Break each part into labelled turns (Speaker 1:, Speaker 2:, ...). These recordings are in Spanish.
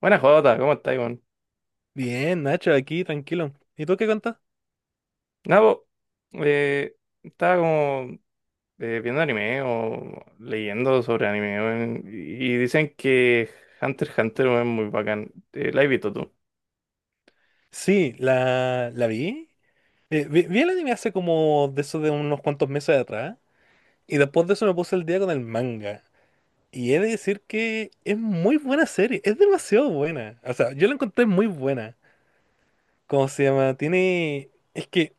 Speaker 1: Buenas Jota, ¿cómo estás, Iván?
Speaker 2: Bien, Nacho, aquí, tranquilo. ¿Y tú qué contás?
Speaker 1: Nada, po, eh, estaba como viendo anime o leyendo sobre anime weón, y dicen que Hunter x Hunter weón, es muy bacán. ¿La has visto tú?
Speaker 2: Sí, la vi. Vi el anime hace como de eso de unos cuantos meses atrás. Y después de eso me puse el día con el manga. Y he de decir que es muy buena serie. Es demasiado buena. O sea, yo la encontré muy buena. ¿Cómo se llama? Tiene. Es que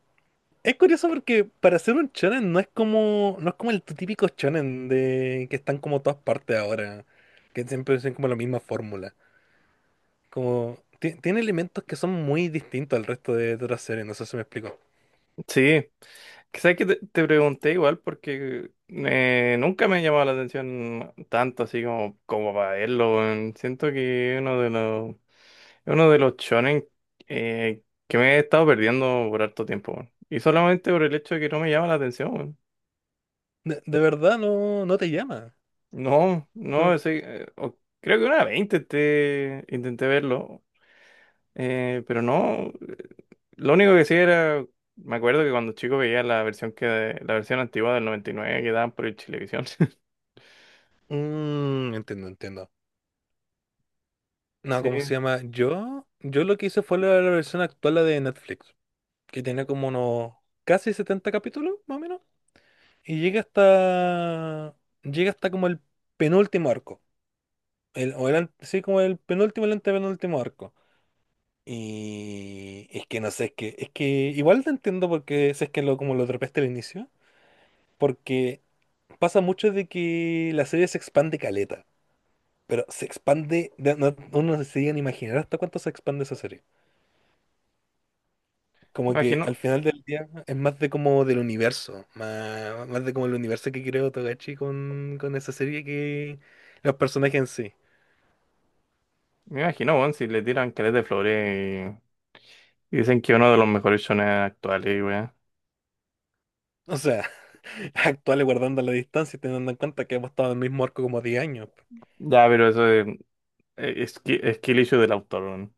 Speaker 2: es curioso porque para ser un shonen no es como. No es como el típico shonen de que están como todas partes ahora. Que siempre dicen como la misma fórmula. Como tiene elementos que son muy distintos al resto de otras series, no sé si me explico.
Speaker 1: Sí, quizás que te pregunté igual porque nunca me ha llamado la atención tanto así como para verlo. Weón. Siento que es uno de los shonen que me he estado perdiendo por harto tiempo. Weón. Y solamente por el hecho de que no me llama la atención. Weón.
Speaker 2: De verdad no, no te llama.
Speaker 1: No, no,
Speaker 2: No.
Speaker 1: ese, creo que una 20 intenté verlo, pero no, lo único que sí era, me acuerdo que cuando chico veía la versión antigua del 99 que daban por el Chilevisión.
Speaker 2: Entiendo, entiendo. No,
Speaker 1: Sí,
Speaker 2: ¿cómo se llama? Yo lo que hice fue la versión actual la de Netflix, que tiene como unos casi 70 capítulos, más o menos. Y llega hasta. Llega hasta como el penúltimo arco. El, o el, sí, como el penúltimo, el antepenúltimo arco. Y es que no sé, es que igual te entiendo porque si es que lo, como lo atrapaste al inicio, porque pasa mucho de que la serie se expande caleta, pero se expande, uno se llega a imaginar hasta cuánto se expande esa serie. Como que al
Speaker 1: imagino,
Speaker 2: final del día es más de como del universo, más, más de como el universo que creó Togashi con esa serie que los personajes en sí.
Speaker 1: me imagino, weón, si le tiran caleta de flores y dicen que uno de los mejores shonen actuales, weón.
Speaker 2: O sea, actuales guardando la distancia y teniendo en cuenta que hemos estado en el mismo arco como 10 años.
Speaker 1: Ya, pero eso es skill issue del autor, weón.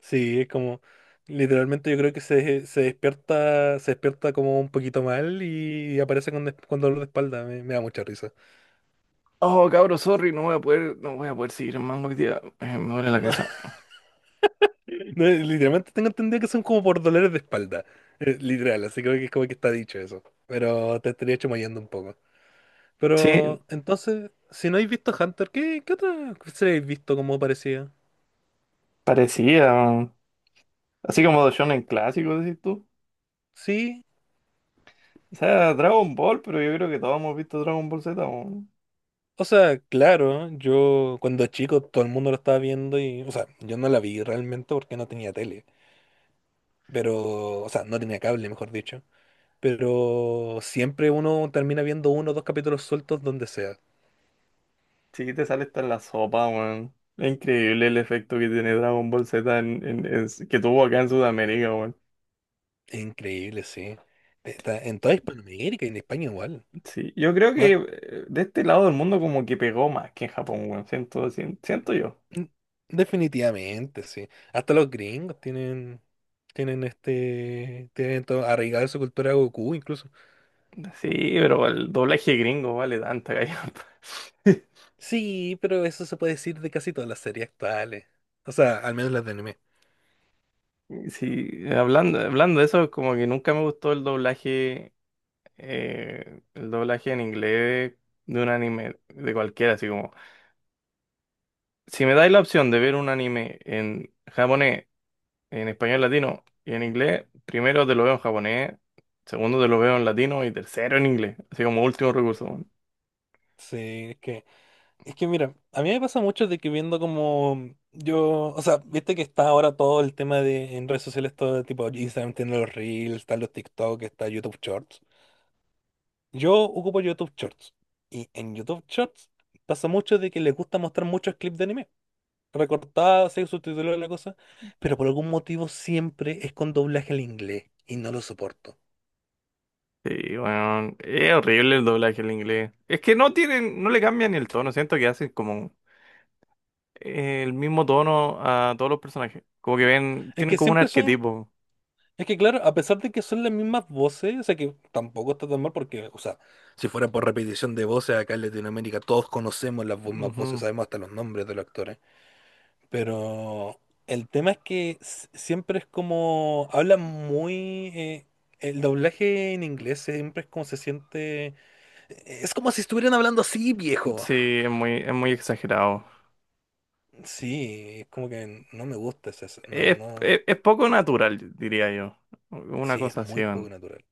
Speaker 2: Sí, es como, literalmente yo creo que se despierta, se despierta como un poquito mal y aparece con dolor de espalda. Me da mucha risa.
Speaker 1: Oh, cabro, sorry, no voy a poder, no voy a poder seguir más hoy día, me duele la
Speaker 2: No,
Speaker 1: cabeza.
Speaker 2: no, literalmente tengo entendido que son como por dolores de espalda. Literal, así creo que es como que está dicho eso. Pero te estaría chamoyando un poco.
Speaker 1: Sí,
Speaker 2: Pero entonces, si no habéis visto Hunter, ¿qué otra serie habéis visto como parecía?
Speaker 1: parecía. Así como de shonen clásicos, decís tú.
Speaker 2: Sí.
Speaker 1: O sea, Dragon Ball, pero yo creo que todos hemos visto Dragon Ball Z, weón.
Speaker 2: O sea, claro, yo cuando chico todo el mundo lo estaba viendo y, o sea, yo no la vi realmente porque no tenía tele. Pero, o sea, no tenía cable, mejor dicho. Pero siempre uno termina viendo uno o dos capítulos sueltos donde sea.
Speaker 1: Sí, te sale hasta en la sopa, weón. Es increíble el efecto que tiene Dragon Ball Z que tuvo acá en Sudamérica, weón.
Speaker 2: Increíble, sí. Está en toda Hispanoamérica y en España igual.
Speaker 1: Sí, yo creo que
Speaker 2: Va-
Speaker 1: de este lado del mundo como que pegó más que en Japón, weón. Siento yo.
Speaker 2: mm, Definitivamente, sí. Hasta los gringos tienen todo arraigado en su cultura a Goku incluso.
Speaker 1: Sí, pero el doblaje gringo vale tanta gallampa.
Speaker 2: Sí, pero eso se puede decir de casi todas las series actuales. O sea, al menos las de anime.
Speaker 1: Sí, hablando de eso, como que nunca me gustó el doblaje en inglés de un anime, de cualquiera, así como, si me dais la opción de ver un anime en japonés, en español latino y en inglés, primero te lo veo en japonés, segundo te lo veo en latino y tercero en inglés, así como último recurso. Weón.
Speaker 2: Sí, es que Es que mira, a mí me pasa mucho de que viendo como yo, o sea, viste que está ahora todo el tema de en redes sociales, todo tipo Instagram tiene los Reels, están los TikTok, está YouTube Shorts. Yo ocupo YouTube Shorts y en YouTube Shorts pasa mucho de que les gusta mostrar muchos clips de anime, recortados, así, subtitulados, la cosa, pero por algún motivo siempre es con doblaje al inglés y no lo soporto.
Speaker 1: Sí, bueno, es horrible el doblaje en inglés. Es que no le cambian ni el tono, siento que hacen como el mismo tono a todos los personajes, como que
Speaker 2: Es
Speaker 1: tienen
Speaker 2: que
Speaker 1: como un
Speaker 2: siempre son
Speaker 1: arquetipo.
Speaker 2: Es que, claro, a pesar de que son las mismas voces, o sea que tampoco está tan mal porque, o sea, si fuera por repetición de voces acá en Latinoamérica todos conocemos las mismas voces,
Speaker 1: Ujú.
Speaker 2: sabemos hasta los nombres de los actores. Pero el tema es que siempre es como, hablan muy, el doblaje en inglés siempre es como se siente, es como si estuvieran hablando así, viejo.
Speaker 1: Sí, es muy exagerado.
Speaker 2: Sí, es como que no me gusta ese. No,
Speaker 1: Es,
Speaker 2: no,
Speaker 1: es, es poco natural, diría yo. Una
Speaker 2: sí, es
Speaker 1: cosa así.
Speaker 2: muy poco
Speaker 1: Man.
Speaker 2: natural.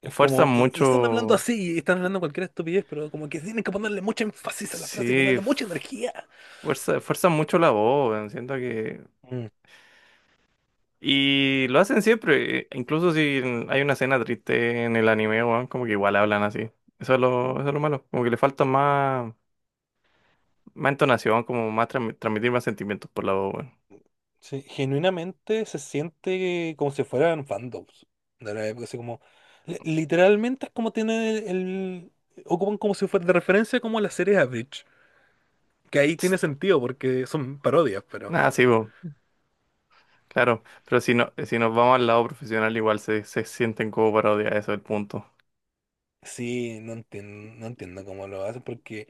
Speaker 2: Es
Speaker 1: Fuerzan
Speaker 2: como, y están hablando
Speaker 1: mucho.
Speaker 2: así, y están hablando cualquier estupidez, pero como que tienen que ponerle mucho énfasis a la frase y
Speaker 1: Sí,
Speaker 2: ponerle mucha energía.
Speaker 1: fuerzan mucho la voz. Man. Siento que.
Speaker 2: Mm,
Speaker 1: Y lo hacen siempre. Incluso si hay una escena triste en el anime, weón, como que igual hablan así. Eso es lo malo. Como que le falta más entonación, como más transmitir más sentimientos por la voz, weón.
Speaker 2: sí, genuinamente se siente como si fueran fandoms de la época, así como, literalmente es como tienen ocupan como si fuera de referencia como las series Average, que ahí tiene sentido porque son parodias, pero
Speaker 1: Ah, sí, weón. Claro. Pero si nos vamos al lado profesional, igual se sienten como parodias. Eso es el punto.
Speaker 2: sí, no entiendo, no entiendo cómo lo hacen porque,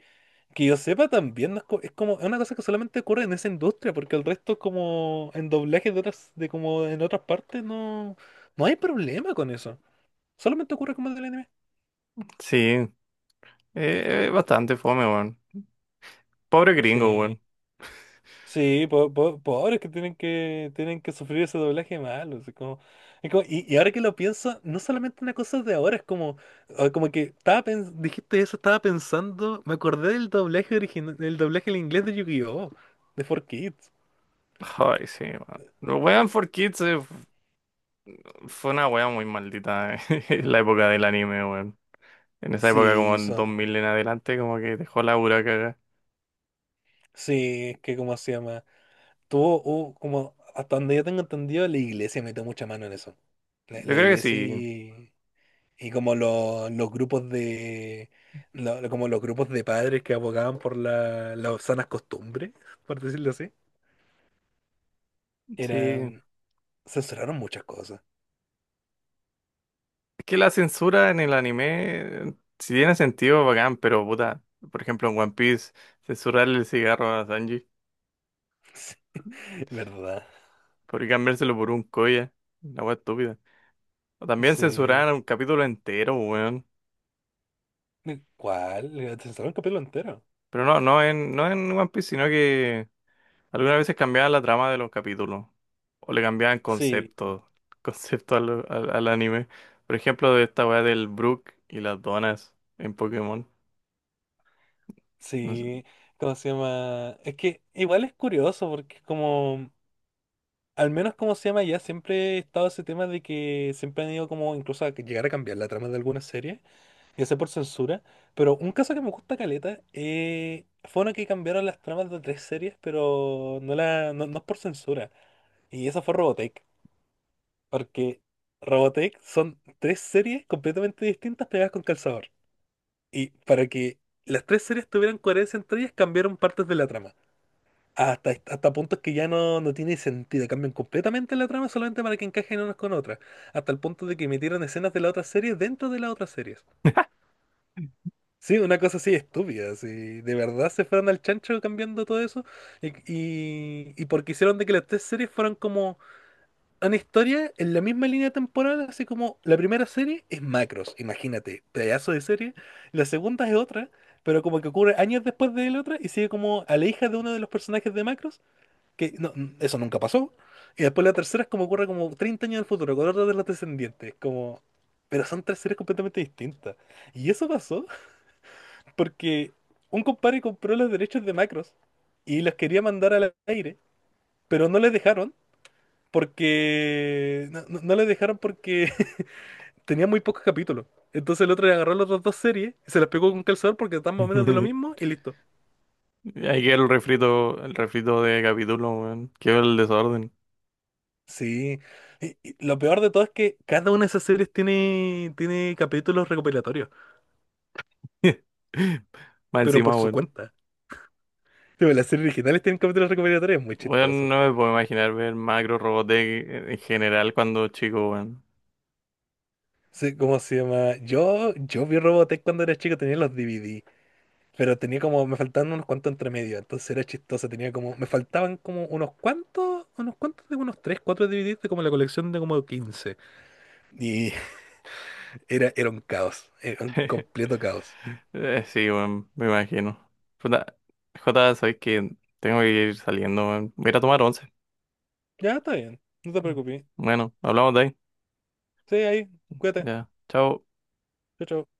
Speaker 2: que yo sepa también, no es, es como es una cosa que solamente ocurre en esa industria, porque el resto como en doblajes de otras, de como en otras partes no, no hay problema con eso. Solamente ocurre como en el anime.
Speaker 1: Sí. Bastante fome, weón. Pobre gringo, weón.
Speaker 2: Sí, sí, pobres que tienen que sufrir ese doblaje malo. Así como, es como, y ahora que lo pienso, no solamente una cosa de ahora, es como, o como que estaba dijiste eso, estaba pensando, me acordé del doblaje original, del doblaje en inglés de Yu-Gi-Oh! De 4Kids.
Speaker 1: Ay, sí, weón. Los Weón for Kids fue una wea muy maldita en la época del anime, weón. En esa época, como
Speaker 2: Sí,
Speaker 1: en
Speaker 2: son
Speaker 1: 2000 en adelante, como que dejó la pura cagada.
Speaker 2: sí, es que, como se llama. Tuvo, hubo como, hasta donde yo tengo entendido, la iglesia metió mucha mano en eso. La,
Speaker 1: Yo
Speaker 2: la
Speaker 1: creo que
Speaker 2: iglesia
Speaker 1: sí,
Speaker 2: y como los grupos de como los grupos de padres que abogaban por las sanas costumbres, por decirlo así,
Speaker 1: sí.
Speaker 2: eran, censuraron muchas cosas.
Speaker 1: Es que la censura en el anime, si tiene sentido, bacán, pero puta. Por ejemplo, en One Piece, censurarle el cigarro a Sanji
Speaker 2: Sí, ¿verdad?
Speaker 1: por cambiárselo por un koya. Una wea estúpida. O también
Speaker 2: Sí.
Speaker 1: censuraron un capítulo entero, weón.
Speaker 2: ¿Cuál? Censuraron el capítulo entero.
Speaker 1: Pero no en One Piece, sino que algunas veces cambiaban la trama de los capítulos. O le cambiaban
Speaker 2: Sí,
Speaker 1: conceptos. Conceptos al anime. Por ejemplo, de esta weá del Brook y las donas en Pokémon. No sé.
Speaker 2: sí. ¿Cómo se llama? Es que igual es curioso porque es como. Al menos como se llama ya, siempre he estado ese tema de que siempre han ido como incluso a que llegar a cambiar la trama de algunas series, ya sea por censura, pero un caso que me gusta caleta fue una que cambiaron las tramas de tres series, pero no, la, no, no es por censura, y esa fue Robotech, porque Robotech son tres series completamente distintas pegadas con calzador, y para que las tres series tuvieran coherencia entre ellas cambiaron partes de la trama. Hasta puntos que ya no tiene sentido, cambian completamente la trama solamente para que encajen unas con otras, hasta el punto de que metieron escenas de la otra serie dentro de las otras series. Sí, una cosa así estúpida, si de verdad se fueron al chancho cambiando todo eso, y porque hicieron de que las tres series fueran como una historia en la misma línea temporal, así como la primera serie es Macros, imagínate, pedazo de serie, la segunda es otra, pero como que ocurre años después de la otra y sigue como a la hija de uno de los personajes de Macros que no, eso nunca pasó. Y después la tercera es como ocurre como 30 años del futuro, con otra de los descendientes, como. Pero son tres series completamente distintas. Y eso pasó porque un compadre compró los derechos de Macros y los quería mandar al aire, pero no les dejaron porque. No, no, no les dejaron porque tenía muy pocos capítulos. Entonces el otro le agarró las otras dos series, se las pegó con un calzador porque están más o menos de lo mismo y listo.
Speaker 1: Ahí queda el refrito de capítulo, weón. Qué el desorden.
Speaker 2: Sí, y lo peor de todo es que cada una de esas series tiene capítulos recopilatorios,
Speaker 1: Más
Speaker 2: pero por
Speaker 1: encima,
Speaker 2: su
Speaker 1: weón.
Speaker 2: cuenta. Tipo, las series originales tienen capítulos recopilatorios, muy
Speaker 1: Weón,
Speaker 2: chistoso.
Speaker 1: no me puedo imaginar ver Macro Robotech en general cuando chico, weón.
Speaker 2: Sí, ¿cómo se llama? Yo vi Robotech cuando era chico, tenía los DVD, pero tenía como, me faltaban unos cuantos entre medio, entonces era chistoso, tenía como, me faltaban como unos cuantos de unos 3, 4 DVDs de como la colección de como 15. Y era un caos, era un completo caos.
Speaker 1: Sí, weón, me imagino. Jota, Jota, sabes que tengo que ir saliendo, weón. Voy a ir a tomar once.
Speaker 2: Ya, está bien, no te preocupes.
Speaker 1: Bueno, hablamos de ahí.
Speaker 2: Sí, ahí, cuídate.
Speaker 1: Ya, chao.
Speaker 2: Chao, chao.